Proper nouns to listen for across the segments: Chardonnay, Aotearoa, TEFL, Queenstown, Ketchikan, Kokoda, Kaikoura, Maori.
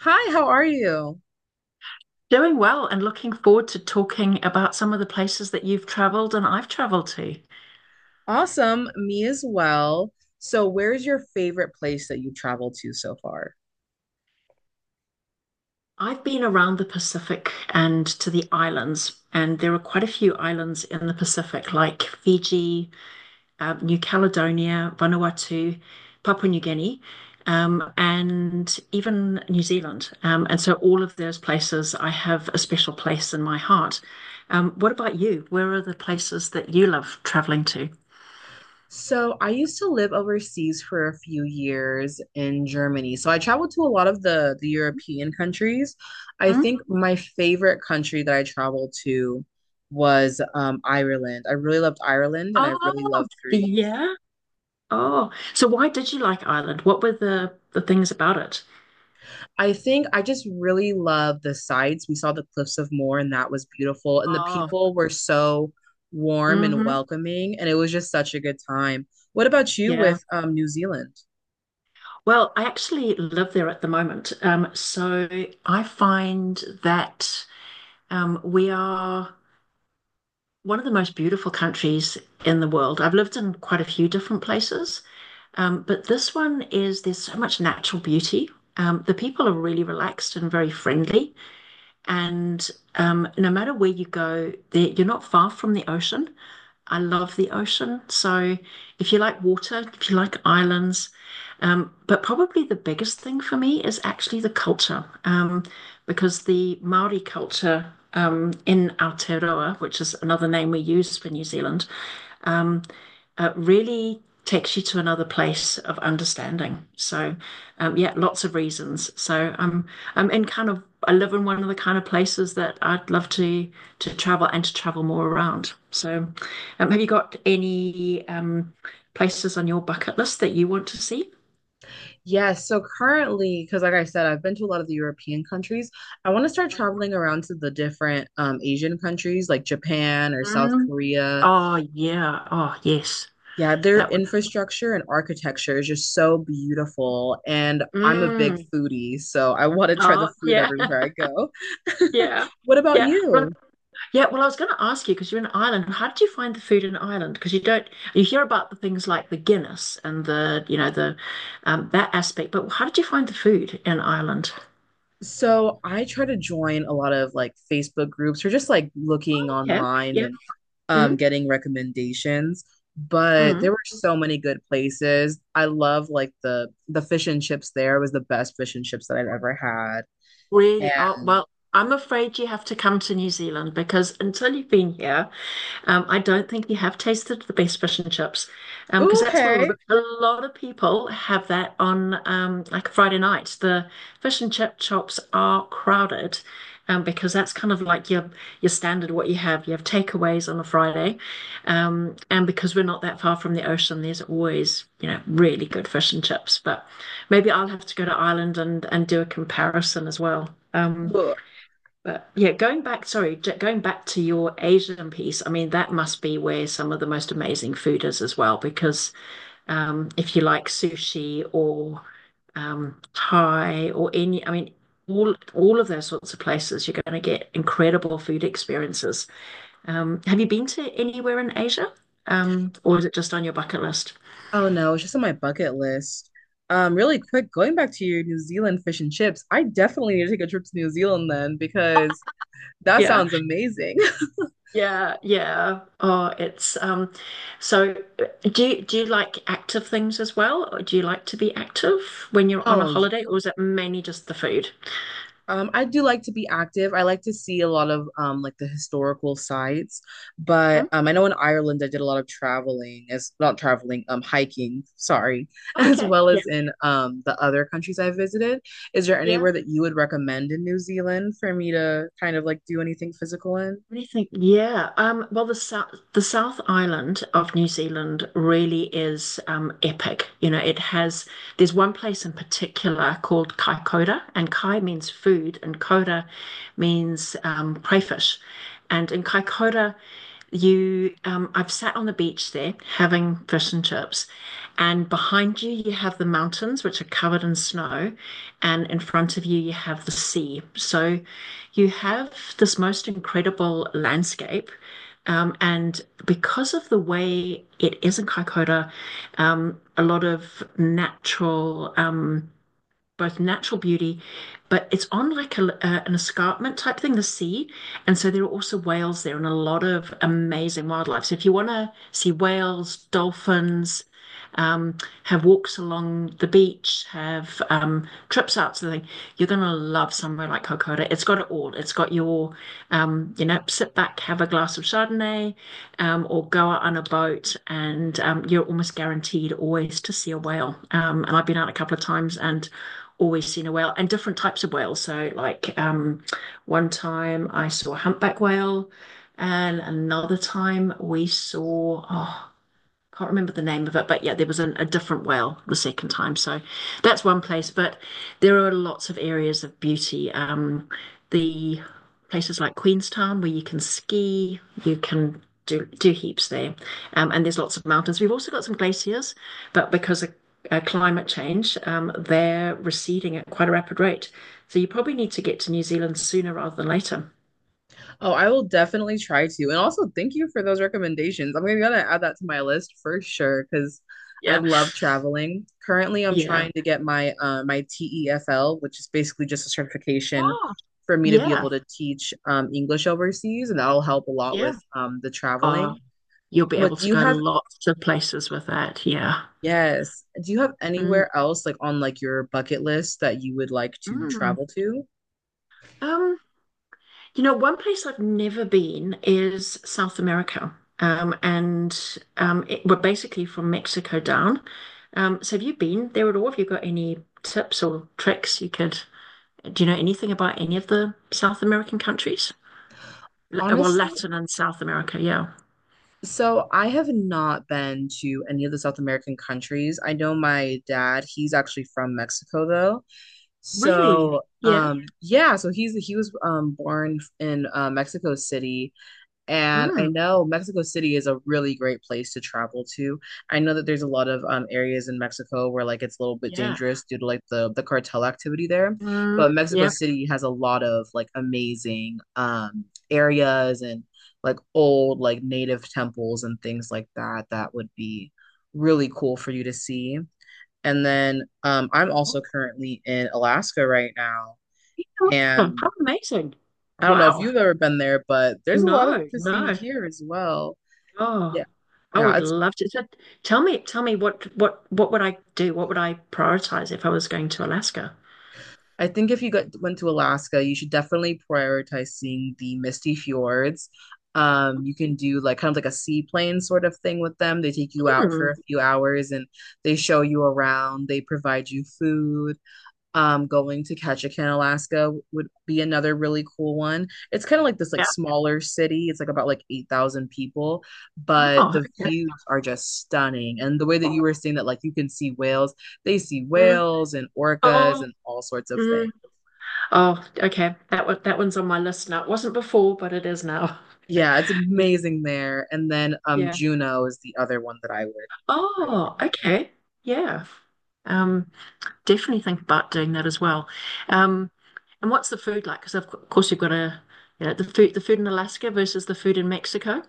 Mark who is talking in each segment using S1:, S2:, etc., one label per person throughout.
S1: Hi, how are you?
S2: Doing well and looking forward to talking about some of the places that you've traveled and I've traveled to.
S1: Awesome, me as well. So, where's your favorite place that you traveled to so far?
S2: I've been around the Pacific and to the islands, and there are quite a few islands in the Pacific, like Fiji, New Caledonia, Vanuatu, Papua New Guinea, and even New Zealand. All of those places, I have a special place in my heart. What about you? Where are the places that you love traveling to?
S1: So, I used to live overseas for a few years in Germany. So, I traveled to a lot of the European countries. I
S2: Hmm?
S1: think my favorite country that I traveled to was Ireland. I really loved Ireland and
S2: Oh,
S1: I really loved Greece.
S2: yeah. Oh, so why did you like Ireland? What were the things about it?
S1: I think I just really love the sights. We saw the Cliffs of Moher, and that was beautiful. And the
S2: Oh,
S1: people were so warm and
S2: hmm.
S1: welcoming, and it was just such a good time. What about you
S2: Yeah.
S1: with New Zealand?
S2: Well, I actually live there at the moment. So I find that we are one of the most beautiful countries in the world. I've lived in quite a few different places, but this one is there's so much natural beauty. The people are really relaxed and very friendly. And no matter where you go, there, you're not far from the ocean. I love the ocean. So if you like water, if you like islands, but probably the biggest thing for me is actually the culture, because the Maori culture in Aotearoa, which is another name we use for New Zealand, really takes you to another place of understanding. Yeah, lots of reasons. So I'm in kind of I live in one of the kind of places that I'd love to travel and to travel more around. Have you got any places on your bucket list that you want to see?
S1: Yes, so currently, because like I said, I've been to a lot of the European countries. I want to start traveling around to the different Asian countries like Japan or South
S2: Mm.
S1: Korea.
S2: Oh, yeah. Oh, yes.
S1: Yeah, their
S2: That would.
S1: infrastructure and architecture is just so beautiful. And I'm a big
S2: Mm.
S1: foodie, so I want to try the
S2: Oh,
S1: food
S2: yeah,
S1: everywhere I go.
S2: yeah,
S1: What about
S2: yeah. Well,
S1: you?
S2: Yeah, well, I was going to ask you because you're in Ireland. How did you find the food in Ireland? Because you don't you hear about the things like the Guinness and the you know the that aspect, but how did you find the food in Ireland?
S1: So I try to join a lot of like Facebook groups or just like looking
S2: Okay.
S1: online
S2: Yeah.
S1: and
S2: Mm,
S1: getting recommendations. But there
S2: mm.
S1: were so many good places. I love like the fish and chips. There was the best fish and chips that I've ever had.
S2: Really? Oh,
S1: And
S2: well, I'm afraid you have to come to New Zealand because until you've been here, I don't think you have tasted the best fish and chips, because
S1: Ooh,
S2: that's what a lot
S1: okay.
S2: of a lot of people have that on like Friday night. The fish and chip shops are crowded, because that's kind of like your standard what you have. You have takeaways on a Friday, and because we're not that far from the ocean, there's always you know really good fish and chips. But maybe I'll have to go to Ireland and do a comparison as well. But yeah, going back, sorry, going back to your Asian piece, I mean, that must be where some of the most amazing food is as well, because if you like sushi or Thai or any, I mean, all of those sorts of places, you're going to get incredible food experiences. Have you been to anywhere in Asia? Or is it just on your bucket list?
S1: Oh no, it's just on my bucket list. Really quick, going back to your New Zealand fish and chips, I definitely need to take a trip to New Zealand then because that
S2: Yeah.
S1: sounds amazing.
S2: Yeah, yeah. Oh, it's so do you, like active things as well? Or do you like to be active when you're on a
S1: Oh, y-
S2: holiday, or is it mainly just the food?
S1: I do like to be active. I like to see a lot of like the historical sites,
S2: Hmm?
S1: but I know in Ireland I did a lot of traveling as not traveling, hiking, sorry, as
S2: Okay.
S1: well
S2: Yeah.
S1: as in the other countries I visited. Is there
S2: Yeah.
S1: anywhere that you would recommend in New Zealand for me to kind of like do anything physical in?
S2: Anything, yeah. Well, the South Island of New Zealand really is epic. You know, it has, there's one place in particular called Kai Koura, and Kai means food, and Koura means crayfish. And in Kai Koura, you, I've sat on the beach there having fish and chips, and behind you, you have the mountains, which are covered in snow and in front of you you have the sea. So you have this most incredible landscape. And because of the way it is in Kaikoura, a lot of natural both natural beauty, but it's on like a, an escarpment type thing, the sea. And so there are also whales there and a lot of amazing wildlife. So if you want to see whales, dolphins, um, have walks along the beach, have trips out to the thing, you're going to love somewhere like Kokoda. It's got it all. You know, sit back, have a glass of Chardonnay, or go out on a boat, and you're almost guaranteed always to see a whale. And I've been out a couple of times and always seen a whale and different types of whales. One time I saw a humpback whale, and another time we saw, oh, can't remember the name of it, but yeah, there was an, a different whale the second time. So that's one place, but there are lots of areas of beauty. The places like Queenstown where you can ski, you can do heaps there, and there's lots of mountains. We've also got some glaciers, but because of climate change, they're receding at quite a rapid rate. So you probably need to get to New Zealand sooner rather than later.
S1: Oh, I will definitely try to. And also, thank you for those recommendations. I'm gonna gotta add that to my list for sure because I. Yeah,
S2: Yeah,
S1: love traveling. Currently, I'm
S2: yeah.
S1: trying to get my TEFL, which is basically just a certification
S2: Oh,
S1: for me to be
S2: yeah,
S1: able to teach English overseas, and that'll help a lot
S2: yeah.
S1: with the
S2: Oh,
S1: traveling.
S2: you'll be
S1: But
S2: able
S1: do
S2: to
S1: you
S2: go
S1: have,
S2: lots of places with that. Yeah.
S1: Yes, do you have
S2: Mm.
S1: anywhere else like on like your bucket list that you would like to
S2: Mm.
S1: travel to?
S2: Um, you know, one place I've never been is South America. And It, we're basically from Mexico down. So have you been there at all? Have you got any tips or tricks you could, do you know anything about any of the South American countries? Well,
S1: Honestly,
S2: Latin and South America, yeah.
S1: so I have not been to any of the South American countries. I know my dad, he's actually from Mexico though.
S2: Really?
S1: So
S2: Yeah.
S1: yeah, so he was born in Mexico City, and I
S2: Mm,
S1: know Mexico City is a really great place to travel to. I know that there's a lot of areas in Mexico where like it's a little bit
S2: yeah.
S1: dangerous due to like the cartel activity there,
S2: Mm,
S1: but Mexico
S2: yeah.
S1: City has a lot of like amazing areas and like old like native temples and things like that that would be really cool for you to see. And then I'm
S2: Oh,
S1: also currently in Alaska right now,
S2: yeah, awesome.
S1: and
S2: How amazing.
S1: I don't know if
S2: Wow.
S1: you've ever been there, but there's a lot of
S2: No,
S1: to see
S2: no.
S1: here as well. Yeah,
S2: Oh, I
S1: yeah,
S2: would
S1: it's
S2: love to. So tell me what would I do? What would I prioritize if I was going to Alaska?
S1: I think if you got went to Alaska, you should definitely prioritize seeing the misty fjords. You can do like kind of like a seaplane sort of thing with them. They take you out for a
S2: Hmm.
S1: few hours and they show you around, they provide you food. Going to Ketchikan, Alaska would be another really cool one. It's kind of like this like
S2: Yeah.
S1: smaller city. It's like about like 8,000 people, but
S2: Oh,
S1: the
S2: okay.
S1: views are just stunning. And the way that you
S2: Oh,
S1: were saying that like you can see whales, they see
S2: mm,
S1: whales and orcas
S2: oh,
S1: and all sorts of
S2: mm.
S1: things.
S2: Oh, okay. That one, that one's on my list now. It wasn't before, but it is now.
S1: Yeah, it's amazing there. And then
S2: Yeah.
S1: Juneau is the other one that I would
S2: Oh, okay. Yeah. Um, Definitely think about doing that as well. Um, and what's the food like? Because of course you've got a, you know, the food in Alaska versus the food in Mexico.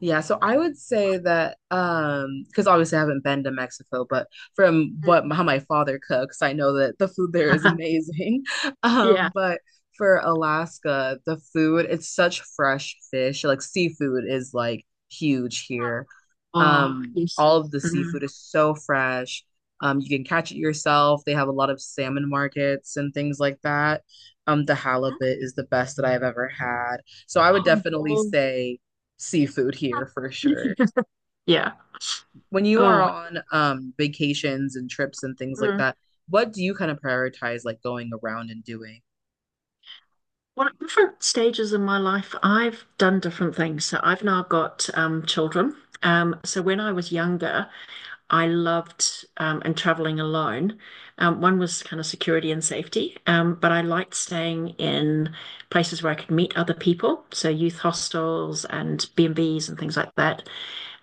S1: Yeah, so I would say that because obviously I haven't been to Mexico, but from what
S2: Mm.
S1: how my father cooks, I know that the food there is amazing.
S2: Yeah.
S1: But for Alaska, the food, it's such fresh fish. Like seafood is like huge here.
S2: Oh, yes.
S1: All of the
S2: Mm.
S1: seafood is so fresh. You can catch it yourself. They have a lot of salmon markets and things like that. The halibut is the best that I've ever had. So I would definitely
S2: Oh,
S1: say seafood here for
S2: oh.
S1: sure.
S2: Yeah.
S1: When you are
S2: Oh,
S1: on vacations and trips and things like
S2: mm.
S1: that, what do you kind of prioritize like going around and doing?
S2: Well, at different stages in my life, I've done different things. So I've now got children. So when I was younger, I loved and traveling alone. One was kind of security and safety, but I liked staying in places where I could meet other people. So youth hostels and B&Bs and Bs and things like that.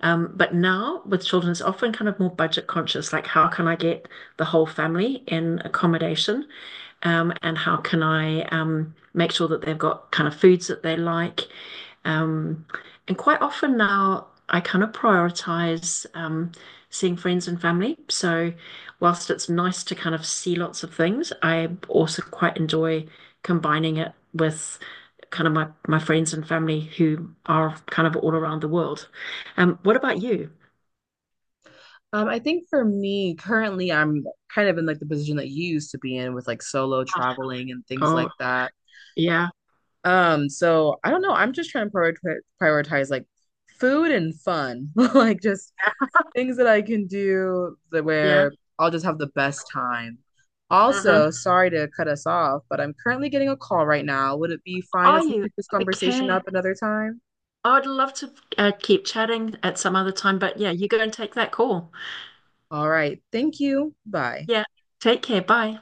S2: But now with children, it's often kind of more budget conscious, like how can I get the whole family in accommodation? And how can I make sure that they've got kind of foods that they like? Um, and quite often now, I kind of prioritize seeing friends and family. So, whilst it's nice to kind of see lots of things, I also quite enjoy combining it with kind of my friends and family who are kind of all around the world. What about you?
S1: I think for me, currently I'm kind of in like the position that you used to be in with like solo
S2: Ah,
S1: traveling and things
S2: oh,
S1: like that.
S2: yeah.
S1: So I don't know. I'm just trying to prioritize like food and fun, like just things that I can do that
S2: Yeah.
S1: where I'll just have the best time.
S2: Hmm.
S1: Also, sorry to cut us off, but I'm currently getting a call right now. Would it be fine if
S2: Are
S1: we
S2: you?
S1: pick this conversation
S2: Okay.
S1: up another time?
S2: I would love to keep chatting at some other time, but yeah, you go and take that call.
S1: All right. Thank you. Bye.
S2: Yeah. Take care. Bye.